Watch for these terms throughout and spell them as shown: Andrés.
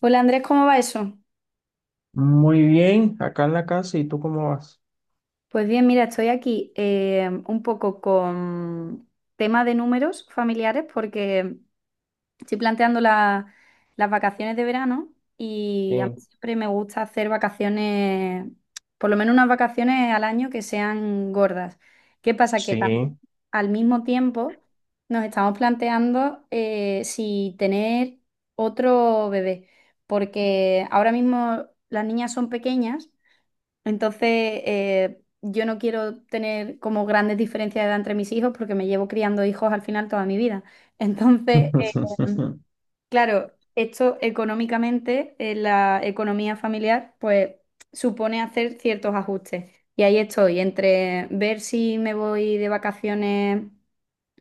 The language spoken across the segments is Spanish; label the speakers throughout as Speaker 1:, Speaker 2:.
Speaker 1: Hola Andrés, ¿cómo va eso?
Speaker 2: Muy bien, acá en la casa, ¿y tú cómo vas?
Speaker 1: Pues bien, mira, estoy aquí un poco con tema de números familiares porque estoy planteando las vacaciones de verano y a mí
Speaker 2: Sí,
Speaker 1: siempre me gusta hacer vacaciones, por lo menos unas vacaciones al año que sean gordas. ¿Qué pasa? Que también
Speaker 2: sí.
Speaker 1: al mismo tiempo nos estamos planteando si tener otro bebé, porque ahora mismo las niñas son pequeñas. Entonces, yo no quiero tener como grandes diferencias de edad entre mis hijos porque me llevo criando hijos al final toda mi vida. Entonces, claro, esto económicamente en la economía familiar, pues supone hacer ciertos ajustes. Y ahí estoy, entre ver si me voy de vacaciones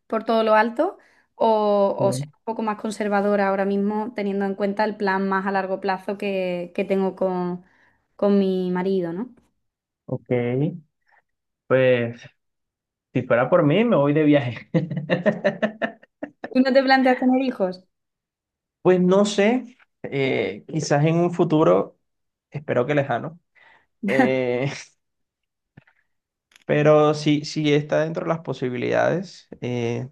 Speaker 1: por todo lo alto o,
Speaker 2: Sí.
Speaker 1: ser un poco más conservadora ahora mismo, teniendo en cuenta el plan más a largo plazo que tengo con mi marido, ¿no?
Speaker 2: Ok, pues si fuera por mí, me voy de viaje.
Speaker 1: Tú no te planteas tener hijos,
Speaker 2: Pues no sé, quizás en un futuro, espero que lejano, eh, pero si está dentro de las posibilidades,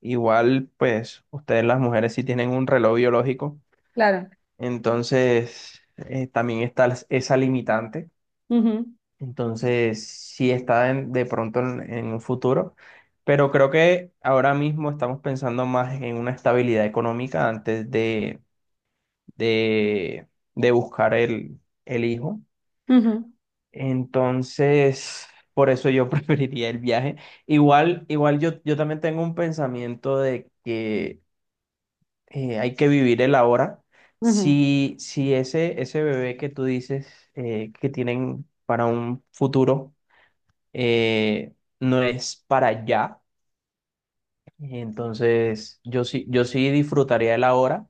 Speaker 2: igual pues ustedes las mujeres sí tienen un reloj biológico,
Speaker 1: claro.
Speaker 2: entonces también está esa limitante.
Speaker 1: Ujú,
Speaker 2: Entonces, sí está de pronto en un futuro, pero creo que ahora mismo estamos pensando más en una estabilidad económica antes de, de buscar el hijo.
Speaker 1: ujú,
Speaker 2: Entonces, por eso yo preferiría el viaje. Igual yo también tengo un pensamiento de que hay que vivir el ahora.
Speaker 1: ujú.
Speaker 2: Si ese bebé que tú dices que tienen para un futuro, eh, no es para allá. Entonces, yo sí disfrutaría de la hora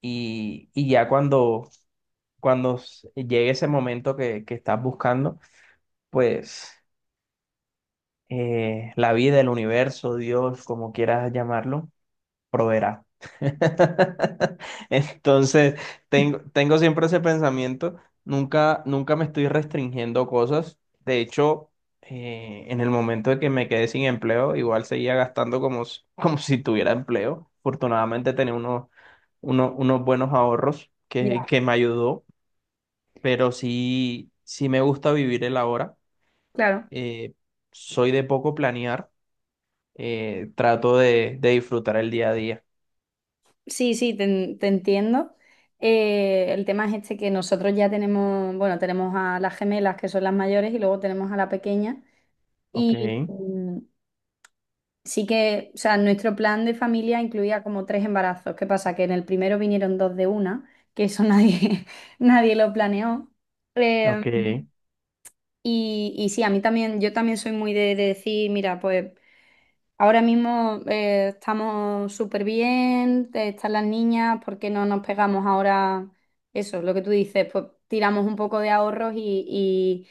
Speaker 2: y, y ya cuando llegue ese momento que estás buscando, pues la vida, el universo, Dios, como quieras llamarlo, proveerá. Entonces, tengo siempre ese pensamiento, nunca me estoy restringiendo cosas. De hecho, en el momento de que me quedé sin empleo, igual seguía gastando como como si tuviera empleo. Afortunadamente tenía unos buenos ahorros que,
Speaker 1: Ya,
Speaker 2: que me ayudó, pero sí, sí me gusta vivir el ahora.
Speaker 1: claro.
Speaker 2: Eh, Soy de poco planear, trato de disfrutar el día a día.
Speaker 1: Sí, sí, te entiendo. El tema es este que nosotros ya tenemos, bueno, tenemos a las gemelas que son las mayores y luego tenemos a la pequeña.
Speaker 2: Ok.
Speaker 1: Y sí que, o sea, nuestro plan de familia incluía como tres embarazos. ¿Qué pasa? Que en el primero vinieron dos de una, que eso nadie, nadie lo planeó. Eh,
Speaker 2: Ok,
Speaker 1: y sí, a mí también, yo también soy muy de decir, mira, pues ahora mismo estamos súper bien, están las niñas, ¿por qué no nos pegamos ahora eso? Lo que tú dices, pues tiramos un poco de ahorros y,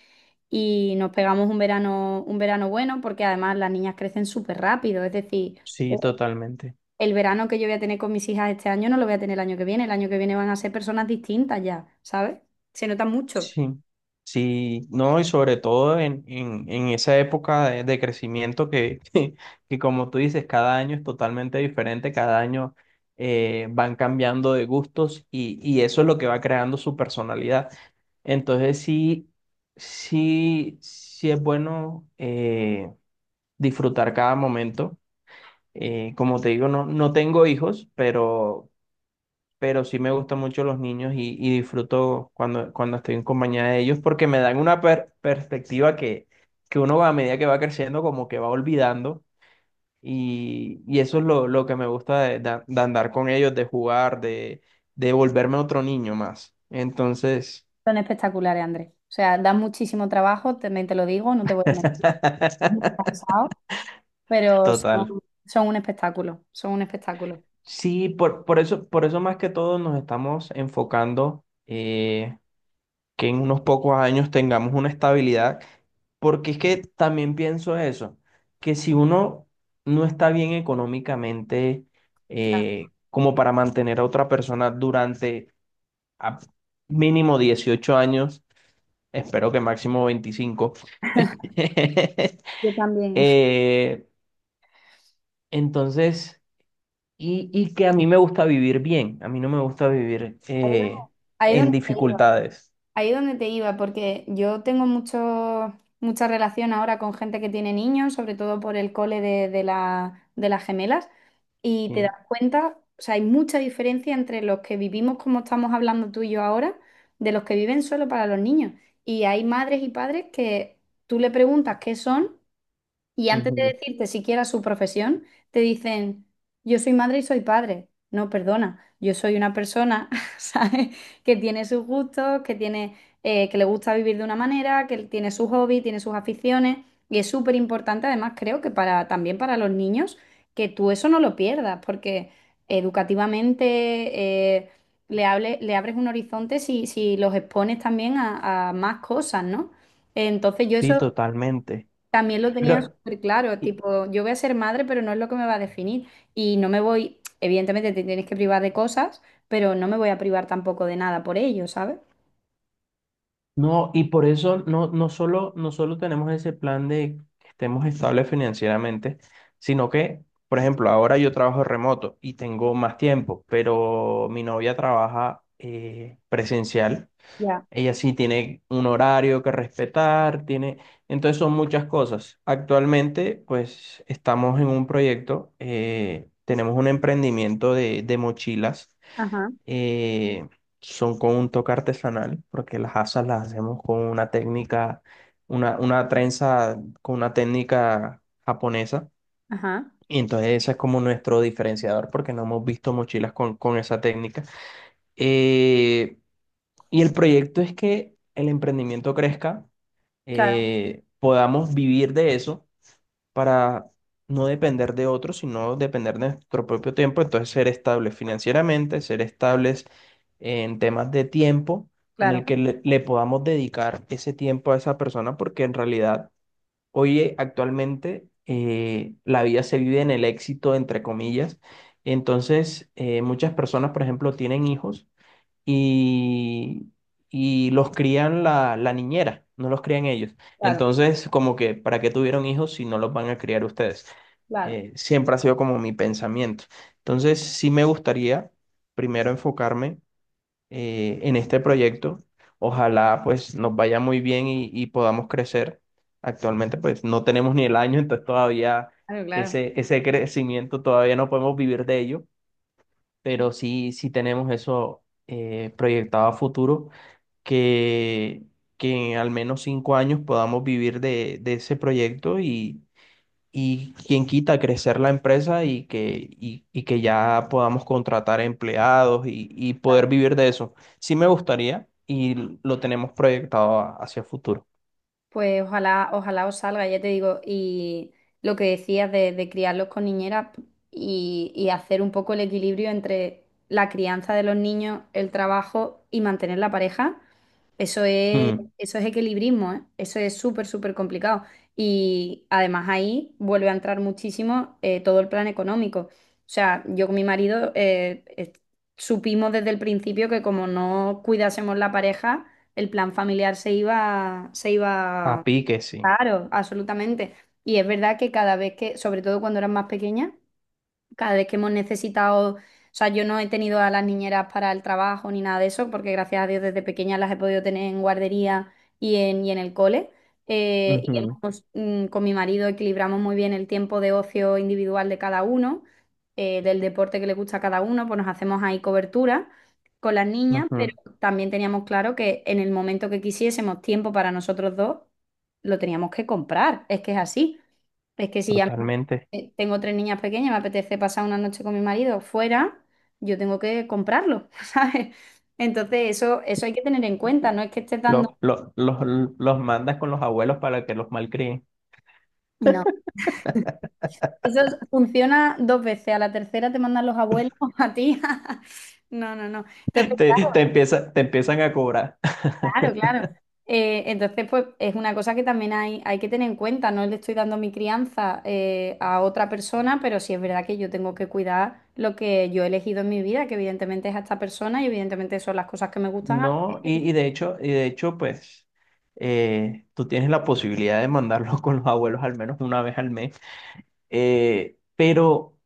Speaker 1: y nos pegamos un verano bueno, porque además las niñas crecen súper rápido, es decir, eh,
Speaker 2: sí, totalmente.
Speaker 1: el verano que yo voy a tener con mis hijas este año no lo voy a tener el año que viene, el año que viene van a ser personas distintas ya, ¿sabes? Se nota mucho.
Speaker 2: Sí, sí, no, y sobre todo en, en esa época de crecimiento que, que, como tú dices, cada año es totalmente diferente, cada año van cambiando de gustos y, eso es lo que va creando su personalidad. Entonces, sí, sí, sí es bueno disfrutar cada momento. Como te digo, no, no tengo hijos, pero sí me gustan mucho los niños y disfruto cuando estoy en compañía de ellos porque me dan una perspectiva que uno va a medida que va creciendo como que va olvidando y eso es lo que me gusta de andar con ellos, de jugar, de volverme otro niño más. Entonces,
Speaker 1: Son espectaculares, Andrés. O sea, dan muchísimo trabajo, también te lo digo, no te voy a mentir. Muy cansado. Pero son,
Speaker 2: total.
Speaker 1: son un espectáculo, son un espectáculo.
Speaker 2: Sí, por eso más que todo nos estamos enfocando, que en unos pocos años tengamos una estabilidad. Porque es que también pienso eso, que si uno no está bien económicamente,
Speaker 1: Claro,
Speaker 2: como para mantener a otra persona durante a mínimo 18 años, espero que máximo 25.
Speaker 1: yo también.
Speaker 2: eh, entonces, y que a mí me gusta vivir bien, a mí no me gusta vivir en
Speaker 1: Ahí donde te iba,
Speaker 2: dificultades.
Speaker 1: ahí donde te iba, porque yo tengo mucho, mucha relación ahora con gente que tiene niños, sobre todo por el cole de de las gemelas, y te das
Speaker 2: Sí.
Speaker 1: cuenta, o sea, hay mucha diferencia entre los que vivimos como estamos hablando tú y yo ahora, de los que viven solo para los niños. Y hay madres y padres que tú le preguntas qué son. Y antes de
Speaker 2: Ujú.
Speaker 1: decirte siquiera su profesión, te dicen, yo soy madre y soy padre. No, perdona, yo soy una persona, ¿sabes? Que tiene sus gustos, que tiene, que le gusta vivir de una manera, que tiene sus hobbies, tiene sus aficiones. Y es súper importante, además, creo que para, también para los niños, que tú eso no lo pierdas, porque educativamente eh, le, le abres un horizonte si, si los expones también a más cosas, ¿no? Entonces, yo eso
Speaker 2: Sí, totalmente.
Speaker 1: también lo tenían
Speaker 2: Pero
Speaker 1: súper claro, tipo, yo voy a ser madre, pero no es lo que me va a definir. Y no me voy, evidentemente te tienes que privar de cosas, pero no me voy a privar tampoco de nada por ello, ¿sabes?
Speaker 2: no, y por eso no, no solo tenemos ese plan de que estemos estables financieramente, sino que, por ejemplo, ahora yo trabajo remoto y tengo más tiempo, pero mi novia trabaja presencial.
Speaker 1: Ya,
Speaker 2: Ella sí tiene un horario que respetar, tiene. Entonces son muchas cosas. Actualmente, pues estamos en un proyecto. Tenemos un emprendimiento de mochilas,
Speaker 1: ajá,
Speaker 2: eh, son con un toque artesanal, porque las asas las hacemos con una técnica, una trenza con una técnica japonesa.
Speaker 1: ajá,
Speaker 2: Y entonces ese es como nuestro diferenciador, porque no hemos visto mochilas con, esa técnica. Eh, y el proyecto es que el emprendimiento crezca,
Speaker 1: claro,
Speaker 2: podamos vivir de eso para no depender de otros, sino depender de nuestro propio tiempo. Entonces, ser estables financieramente, ser estables en temas de tiempo en
Speaker 1: claro,
Speaker 2: el que le podamos dedicar ese tiempo a esa persona, porque en realidad hoy actualmente la vida se vive en el éxito, entre comillas. Entonces, muchas personas, por ejemplo, tienen hijos y, y los crían la niñera, no los crían ellos.
Speaker 1: claro,
Speaker 2: Entonces, como que ¿para qué tuvieron hijos si no los van a criar ustedes?
Speaker 1: claro,
Speaker 2: Siempre ha sido como mi pensamiento. Entonces, sí me gustaría primero enfocarme en este proyecto. Ojalá pues nos vaya muy bien y podamos crecer. Actualmente pues no tenemos ni el año, entonces todavía
Speaker 1: claro, claro.
Speaker 2: ese crecimiento todavía no podemos vivir de ello, pero sí, sí tenemos eso, proyectado a futuro, que, que en al menos 5 años podamos vivir de ese proyecto y quien quita crecer la empresa y que ya podamos contratar empleados y poder vivir de eso. Sí me gustaría y lo tenemos proyectado hacia futuro.
Speaker 1: Pues ojalá, ojalá os salga, ya te digo, y lo que decías de criarlos con niñeras y hacer un poco el equilibrio entre la crianza de los niños, el trabajo y mantener la pareja.
Speaker 2: Mm,
Speaker 1: Eso es equilibrismo, ¿eh? Eso es súper, súper complicado. Y además ahí vuelve a entrar muchísimo todo el plan económico. O sea, yo con mi marido supimos desde el principio que como no cuidásemos la pareja, el plan familiar se
Speaker 2: a
Speaker 1: iba,
Speaker 2: pique, sí.
Speaker 1: claro, absolutamente. Y es verdad que cada vez que, sobre todo cuando eran más pequeñas, cada vez que hemos necesitado, o sea, yo no he tenido a las niñeras para el trabajo ni nada de eso, porque gracias a Dios desde pequeña las he podido tener en guardería y y en el cole. Y
Speaker 2: Ujú,
Speaker 1: hemos, con mi marido equilibramos muy bien el tiempo de ocio individual de cada uno, del deporte que le gusta a cada uno, pues nos hacemos ahí cobertura con las niñas, pero
Speaker 2: ujú.
Speaker 1: también teníamos claro que en el momento que quisiésemos tiempo para nosotros dos, lo teníamos que comprar, es que es así. Es que si ya
Speaker 2: Totalmente.
Speaker 1: tengo tres niñas pequeñas, me apetece pasar una noche con mi marido fuera, yo tengo que comprarlo, ¿sabes? Entonces eso hay que tener en cuenta, no es que esté dando...
Speaker 2: Lo- lo- los, los mandas con los abuelos para que los malcríen.
Speaker 1: No, eso es- funciona dos veces, a la tercera te mandan los abuelos a ti. No, no, no. Entonces,
Speaker 2: Te empiezan a cobrar.
Speaker 1: claro, claro. Entonces, pues es una cosa que también hay que tener en cuenta. No le estoy dando mi crianza a otra persona, pero sí es verdad que yo tengo que cuidar lo que yo he elegido en mi vida, que evidentemente es a esta persona y evidentemente son las cosas que me gustan hacer.
Speaker 2: No,
Speaker 1: Y-
Speaker 2: y de hecho, pues tú tienes la posibilidad de mandarlo con los abuelos al menos una vez al mes, pero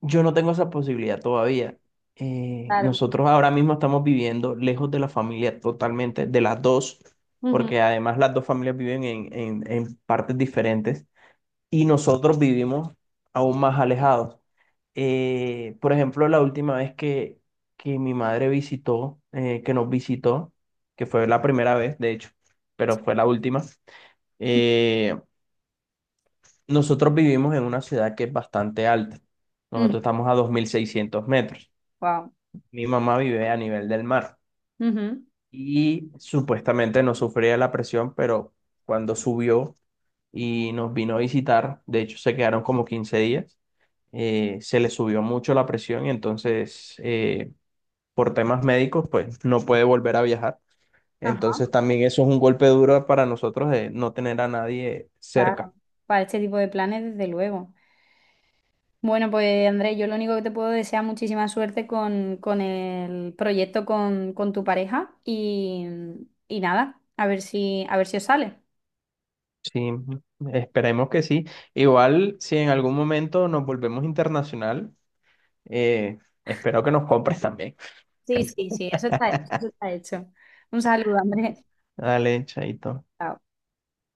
Speaker 2: yo no tengo esa posibilidad todavía.
Speaker 1: claro.
Speaker 2: Nosotros ahora mismo estamos viviendo lejos de la familia totalmente, de las dos,
Speaker 1: Ujú,
Speaker 2: porque además las dos familias viven en, en partes diferentes y nosotros vivimos aún más alejados. Por ejemplo, la última vez que mi madre visitó, que nos visitó, que fue la primera vez, de hecho, pero fue la última, eh, nosotros vivimos en una ciudad que es bastante alta.
Speaker 1: ujú.
Speaker 2: Nosotros estamos a 2.600 metros.
Speaker 1: Wow.
Speaker 2: Mi mamá vive a nivel del mar.
Speaker 1: Ujú.
Speaker 2: Y supuestamente no sufría la presión, pero cuando subió y nos vino a visitar, de hecho se quedaron como 15 días, se le subió mucho la presión y entonces, por temas médicos pues no puede volver a viajar.
Speaker 1: Ajá,
Speaker 2: Entonces también eso es un golpe duro para nosotros de no tener a nadie
Speaker 1: claro.
Speaker 2: cerca.
Speaker 1: Para este tipo de planes, desde luego. Bueno, pues Andrés, yo lo único que te puedo desear muchísima suerte con el proyecto con tu pareja y nada, a ver si os sale.
Speaker 2: Sí, esperemos que sí. Igual si en algún momento nos volvemos internacional, eh, espero que nos compres también.
Speaker 1: Sí, sí, sí, eso está hecho, eso está hecho. Un saludo, Andrés.
Speaker 2: Dale, chaito.
Speaker 1: Chao.